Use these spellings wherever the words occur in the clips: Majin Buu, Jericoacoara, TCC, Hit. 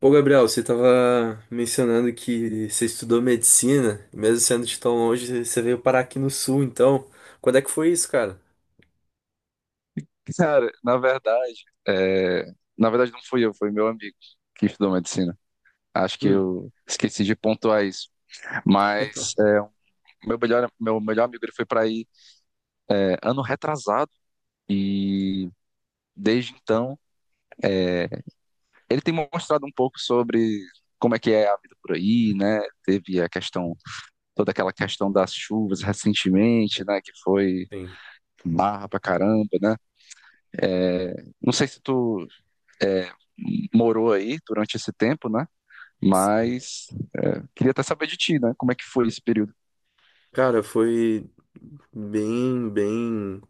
Ô, Gabriel, você estava mencionando que você estudou medicina, mesmo sendo de tão longe, você veio parar aqui no sul, então. Quando é que foi isso, cara? Cara, é, na verdade, não fui eu, foi meu amigo que estudou medicina. Acho que Hum. eu esqueci de pontuar isso. Mas meu melhor amigo ele foi para aí, ano retrasado, e desde então, eh, ele tem mostrado um pouco sobre como é que é a vida por aí, né? Teve toda aquela questão das chuvas recentemente, né? Que foi Sim, barra pra caramba, né? É, não sei se tu é, morou aí durante esse tempo, né? sim. Mas queria até saber de ti, né? Como é que foi esse período? Cara, foi bem, bem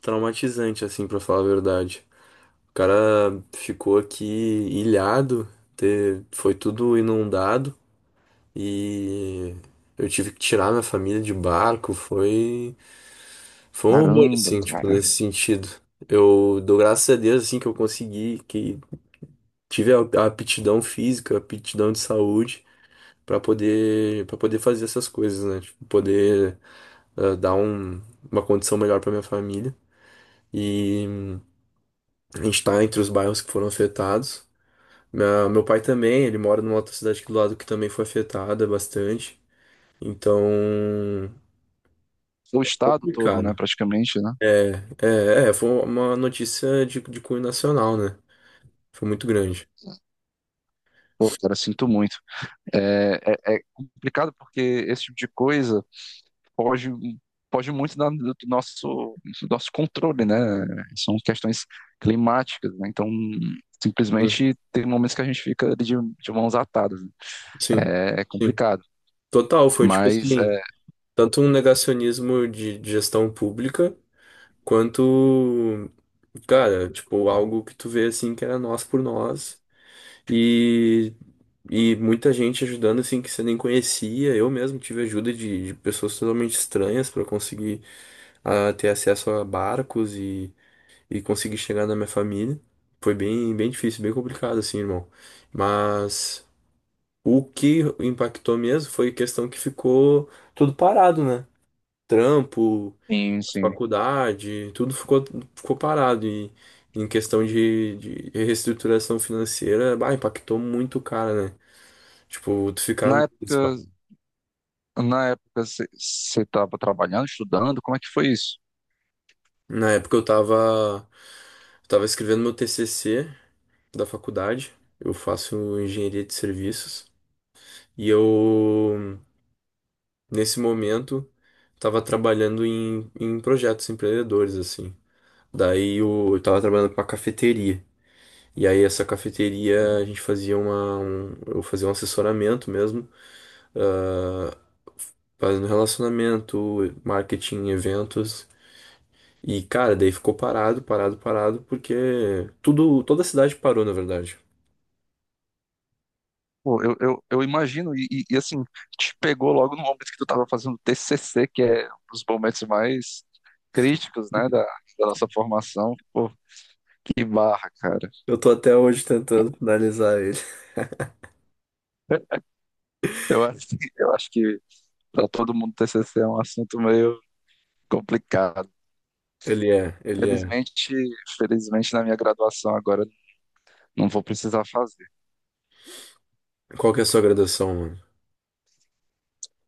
traumatizante, assim, pra falar a verdade. O cara ficou aqui ilhado, foi tudo inundado e eu tive que tirar minha família de barco, foi. Foi um horror, Caramba, assim, tipo, cara. nesse sentido. Eu dou graças a Deus, assim, que eu consegui, que tive a aptidão física, a aptidão de saúde para poder fazer essas coisas, né? Tipo, poder dar uma condição melhor para minha família. E a gente tá entre os bairros que foram afetados. Meu pai também, ele mora numa outra cidade aqui do lado que também foi afetada bastante. Então, Foi o estado todo, né? complicado. Praticamente, né? É, é, foi uma notícia de cunho nacional, né? Foi muito grande. Pô, cara, sinto muito. É, é complicado porque esse tipo de coisa foge, foge muito do nosso controle, né? São questões climáticas, né? Então, Sim, simplesmente tem momentos que a gente fica de mãos atadas, né? sim, É sim. complicado. Total, foi tipo Mas, assim, tanto um negacionismo de gestão pública, quanto, cara, tipo, algo que tu vê assim que era nós por nós. E, e muita gente ajudando assim que você nem conhecia. Eu mesmo tive ajuda de pessoas totalmente estranhas para conseguir ter acesso a barcos e conseguir chegar na minha família. Foi bem, bem difícil, bem complicado assim, irmão. Mas. O que impactou mesmo foi questão que ficou tudo parado, né? Trampo, sim, sim. faculdade, tudo ficou parado. E em questão de reestruturação financeira, bah, impactou muito o cara, né? Tipo, tu Na ficava. época Na época você estava trabalhando, estudando, como é que foi isso? Na época eu tava escrevendo meu TCC da faculdade. Eu faço engenharia de serviços. E eu, nesse momento, tava trabalhando em projetos empreendedores, assim. Daí eu tava trabalhando com a cafeteria. E aí essa cafeteria a gente fazia eu fazia um assessoramento mesmo, ah, fazendo relacionamento, marketing, eventos. E cara, daí ficou parado, parado, parado, porque tudo, toda a cidade parou, na verdade. Pô, eu imagino, assim, te pegou logo no momento que tu estava fazendo TCC, que é um dos momentos mais críticos, né, da nossa formação. Pô, que barra, cara. Eu tô até hoje tentando finalizar ele. Eu, acho que para todo mundo TCC é um assunto meio complicado. Ele é, ele é. Felizmente, felizmente, na minha graduação agora não vou precisar fazer. Qual que é a sua graduação, mano?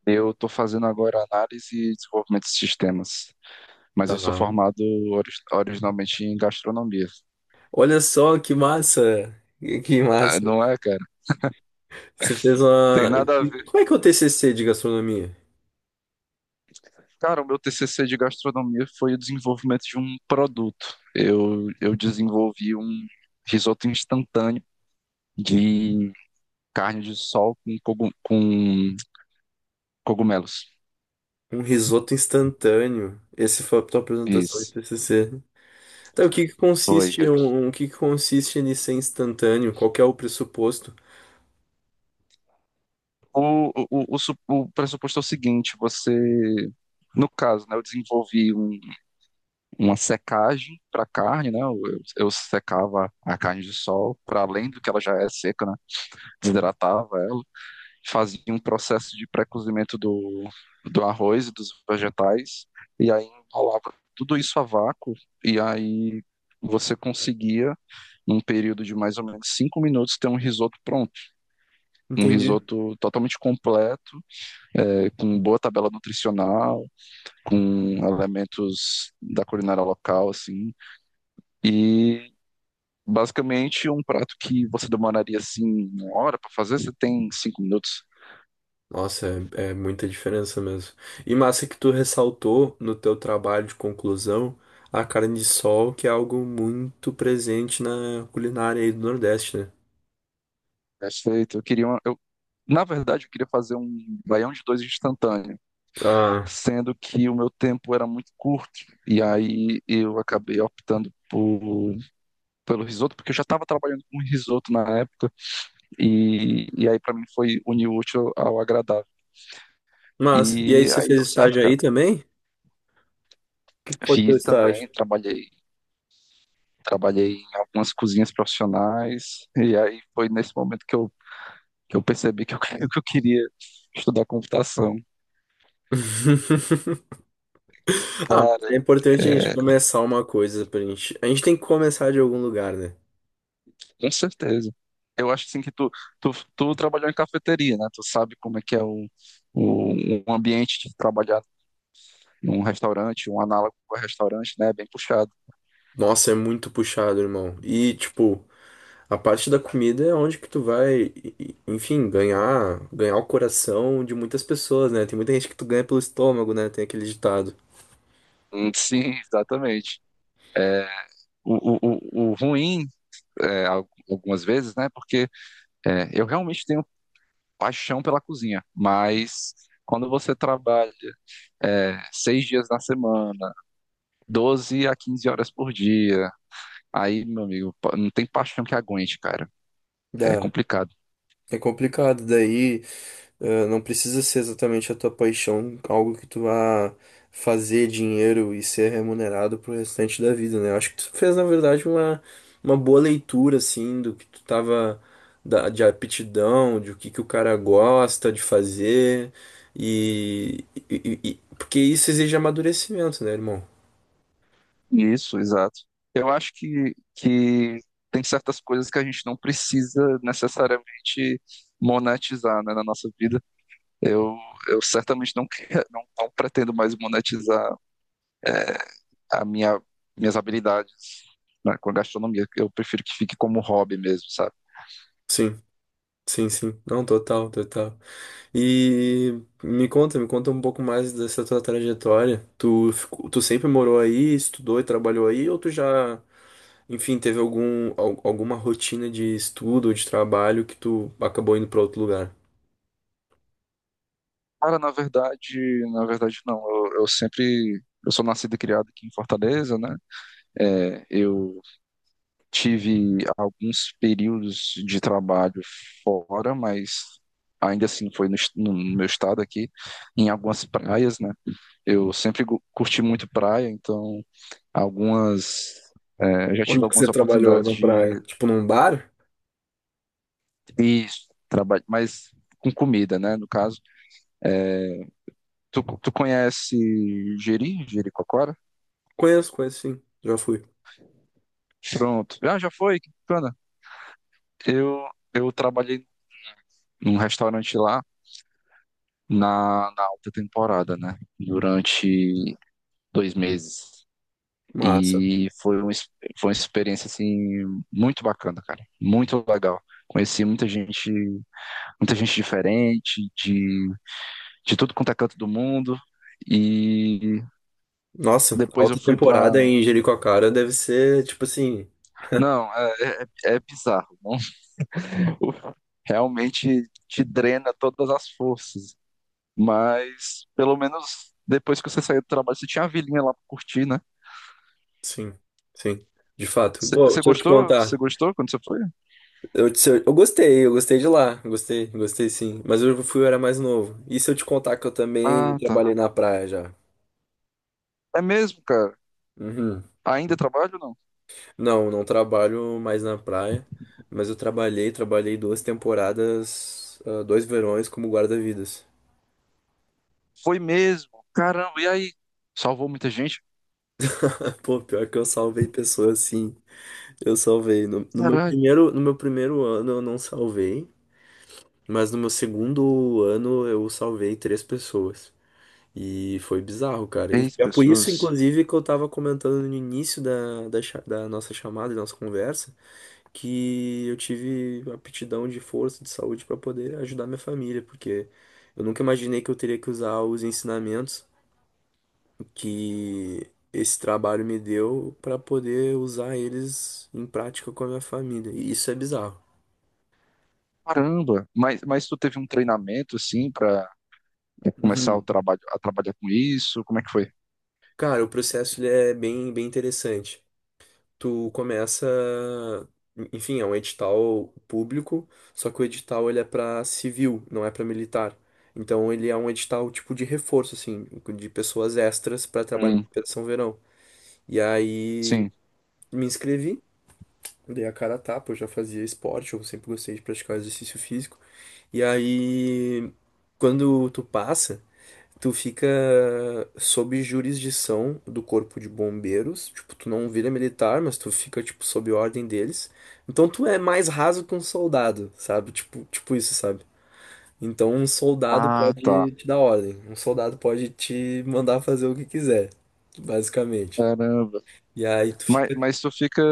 Eu estou fazendo agora análise e desenvolvimento de sistemas. Mas eu sou Tá. formado originalmente em gastronomia. Olha só que massa! Que Ah, massa! não é, cara? Você fez Tem uma. nada a ver. Como é que é o TCC de gastronomia? Cara, o meu TCC de gastronomia foi o desenvolvimento de um produto. Eu desenvolvi um risoto instantâneo de carne de sol com cogumelos. Um risoto instantâneo. Esse foi a tua apresentação de Isso, TCC. Tá, o que que foi. consiste o que que consiste ele ser instantâneo? Qual que é o pressuposto? o, o, o pressuposto é o seguinte, você. No caso, né, eu desenvolvi uma secagem para carne, né? Eu secava a carne de sol, para além do que ela já é seca, né? Desidratava ela, fazia um processo de pré-cozimento do arroz e dos vegetais, e aí enrolava tudo isso a vácuo, e aí você conseguia, num período de mais ou menos 5 minutos, ter um risoto pronto. Um Entendi. risoto totalmente completo, com boa tabela nutricional, com elementos da culinária local, assim. E basicamente, um prato que você demoraria assim uma hora para fazer, você tem 5 minutos. Nossa, é muita diferença mesmo. E massa que tu ressaltou no teu trabalho de conclusão a carne de sol, que é algo muito presente na culinária aí do Nordeste, né? Perfeito. Eu, na verdade, eu queria fazer um baião de dois instantâneo, Ah, sendo que o meu tempo era muito curto e aí eu acabei optando pelo risoto, porque eu já estava trabalhando com risoto na época e aí para mim foi unir o útil ao agradável. massa. E aí E você aí fez deu certo, estágio aí cara. também? O que que foi teu Fiz também, estágio? trabalhei em algumas cozinhas profissionais e aí foi nesse momento que eu percebi que eu queria estudar computação. Ah, mas é Cara, importante a gente é, começar uma coisa pra gente. A gente tem que começar de algum lugar, né? com certeza. Eu acho assim que tu trabalhou em cafeteria, né? Tu sabe como é que é o, o ambiente de trabalhar num restaurante, um análogo a restaurante, né? É bem puxado. Nossa, é muito puxado, irmão. E, tipo, a parte da comida é onde que tu vai, enfim, ganhar, ganhar o coração de muitas pessoas, né? Tem muita gente que tu ganha pelo estômago, né? Tem aquele ditado. Sim, exatamente. O ruim é, algumas vezes, né? Porque eu realmente tenho paixão pela cozinha, mas quando você trabalha 6 dias na semana, 12 a 15 horas por dia. Aí, meu amigo, não tem paixão que aguente, cara. É Dá. complicado. É complicado daí. Não precisa ser exatamente a tua paixão, algo que tu vá fazer dinheiro e ser remunerado pro restante da vida, né? Eu acho que tu fez, na verdade, uma boa leitura, assim, do que tu tava, da, de aptidão, de o que que o cara gosta de fazer, e, porque isso exige amadurecimento, né, irmão? Isso, exato. Eu acho que tem certas coisas que a gente não precisa necessariamente monetizar, né, na nossa vida. Eu, eu certamente não quero, não pretendo mais monetizar a minha, minhas habilidades, né, com a gastronomia. Eu prefiro que fique como hobby mesmo, sabe? Sim, sim, sim. Não, total, total. E me conta um pouco mais dessa tua trajetória. Tu, tu sempre morou aí, estudou e trabalhou aí, ou tu já, enfim, teve algum, alguma rotina de estudo ou de trabalho que tu acabou indo pra outro lugar? Cara, na verdade não. Eu sou nascido e criado aqui em Fortaleza, né? Eu tive alguns períodos de trabalho fora, mas ainda assim foi no meu estado aqui, em algumas praias, né? Eu sempre curti muito praia, então algumas, eu já tive Onde que você algumas trabalhou oportunidades na de praia? Tipo num bar? ir trabalhar, mas com comida, né? No caso, tu conhece Jericoacoara? Conheço, conheço sim, já fui. Pronto. Ah, já foi? Que bacana. Eu, eu trabalhei num restaurante lá na alta temporada, né? Durante 2 meses. Massa. E foi uma experiência, assim, muito bacana, cara. Muito legal. Conheci muita gente diferente, de tudo quanto é canto do mundo. E Nossa, a depois eu alta fui temporada pra. em Jericoacoara deve ser, tipo assim, Não, é bizarro. Não? Realmente te drena todas as forças. Mas pelo menos depois que você saiu do trabalho, você tinha a vilinha lá pra curtir, né? sim, sim, de fato. Pô, Você deixa eu te gostou? Você contar. gostou quando você foi? Eu, te- eu gostei de lá. Gostei, gostei sim. Mas eu fui, eu era mais novo. E se eu te contar que eu também Ah, tá. trabalhei na praia já? É mesmo, cara. Uhum. Ainda trabalho ou não? Não, não trabalho mais na praia. Mas eu trabalhei duas temporadas, dois verões como guarda-vidas. Foi mesmo. Caramba, e aí? Salvou muita gente? Pô, pior que eu salvei pessoas, sim. Eu salvei. No, no meu Caralho, primeiro, no meu primeiro ano eu não salvei. Mas no meu segundo ano eu salvei três pessoas. E foi bizarro, cara. E três é por isso, pessoas. inclusive, que eu tava comentando no início da nossa chamada, da nossa conversa, que eu tive aptidão de força, de saúde para poder ajudar minha família, porque eu nunca imaginei que eu teria que usar os ensinamentos que esse trabalho me deu para poder usar eles em prática com a minha família. E isso é bizarro. Caramba. Mas tu teve um treinamento, assim, pra começar o Uhum. trabalho, a trabalhar com isso? Como é que foi? Cara, o processo ele é bem, bem interessante. Tu começa, enfim, é um edital público, só que o edital ele é para civil, não é para militar. Então ele é um edital tipo de reforço assim, de pessoas extras para trabalhar na Hum, Operação Verão. E aí sim. me inscrevi, dei a cara a tapa, eu já fazia esporte, eu sempre gostei de praticar exercício físico. E aí quando tu passa. Tu fica sob jurisdição do corpo de bombeiros, tipo, tu não vira militar, mas tu fica, tipo, sob ordem deles. Então tu é mais raso que um soldado, sabe? Tipo isso, sabe? Então um soldado Ah, tá. pode te dar ordem, um soldado pode te mandar fazer o que quiser, basicamente. Caramba. E aí tu Mas, fica mas tu fica.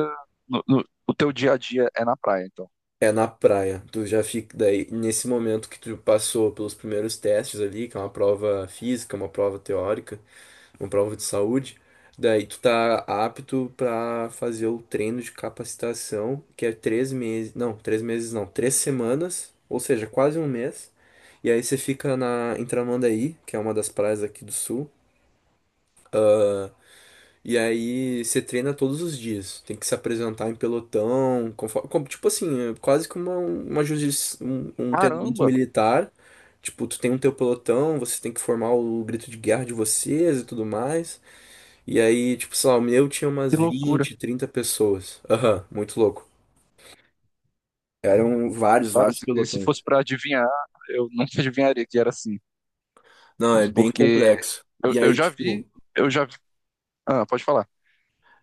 O teu dia a dia é na praia, então. é na praia, tu já fica daí nesse momento que tu passou pelos primeiros testes ali, que é uma prova física, uma prova teórica, uma prova de saúde, daí tu tá apto pra fazer o treino de capacitação, que é 3 meses, não, 3 meses não, 3 semanas, ou seja, quase um mês. E aí você fica em Tramandaí, que é uma das praias aqui do sul. Ah, e aí você treina todos os dias. Tem que se apresentar em pelotão, conforme, tipo assim, é quase que um treinamento Caramba, militar. Tipo, tu tem um teu pelotão, você tem que formar o grito de guerra de vocês e tudo mais. E aí, tipo, sei lá, o meu tinha umas que loucura. 20 30 pessoas. Aham, muito louco. Eram vários, Cara, vários se fosse pelotões. pra adivinhar, eu nunca adivinharia que era assim. Não, é bem Porque complexo. Eu, E eu aí, já tipo, vi, eu já vi. Ah, pode falar.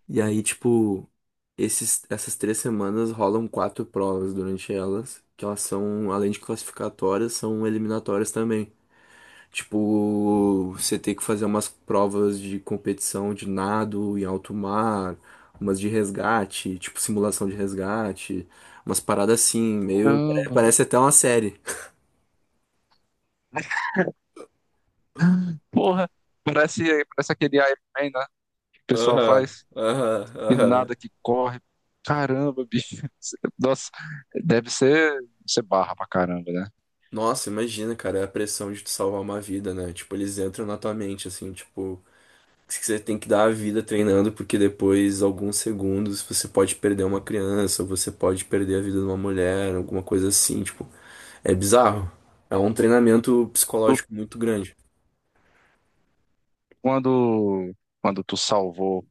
e aí, tipo, esses, essas 3 semanas rolam quatro provas durante elas, que elas são, além de classificatórias, são eliminatórias também. Tipo, você ter que fazer umas provas de competição de nado em alto mar, umas de resgate, tipo simulação de resgate, umas paradas assim, meio, Caramba, parece até uma série. porra. Parece, parece aquele Iron Man, né? Que o pessoal Aham, faz aham, e aham. nada que corre. Caramba, bicho. Nossa, deve ser barra pra caramba, né? Nossa, imagina, cara, a pressão de tu salvar uma vida, né? Tipo, eles entram na tua mente, assim, tipo, que você tem que dar a vida treinando, porque depois, alguns segundos, você pode perder uma criança, ou você pode perder a vida de uma mulher, alguma coisa assim, tipo. É bizarro. É um treinamento Tu- psicológico muito grande. Quando, quando tu salvou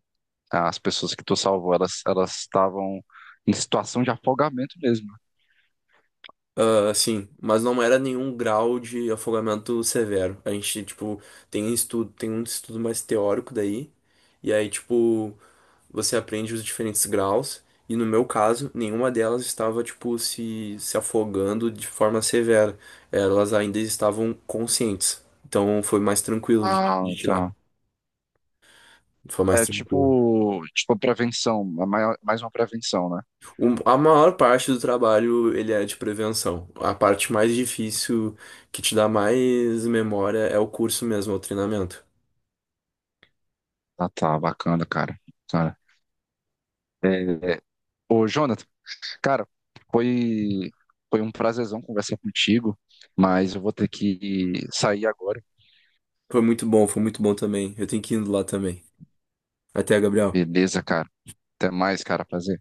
as pessoas que tu salvou, elas estavam em situação de afogamento mesmo. Ah, sim, mas não era nenhum grau de afogamento severo. A gente, tipo, tem estudo, tem um estudo mais teórico daí, e aí, tipo, você aprende os diferentes graus, e no meu caso, nenhuma delas estava, tipo, se afogando de forma severa. Elas ainda estavam conscientes. Então foi mais tranquilo de, Ah, de tirar. tá. Foi mais É tranquilo. tipo prevenção, mais uma prevenção, né? A maior parte do trabalho ele é de prevenção. A parte mais difícil que te dá mais memória é o curso mesmo, é o treinamento. Ah, tá, bacana, cara. Cara, é, ô, Jonas. Cara, foi, foi um prazerzão conversar contigo, mas eu vou ter que sair agora. Foi muito bom também. Eu tenho que ir indo lá também. Até, Gabriel. Beleza, cara. Até mais, cara. Prazer.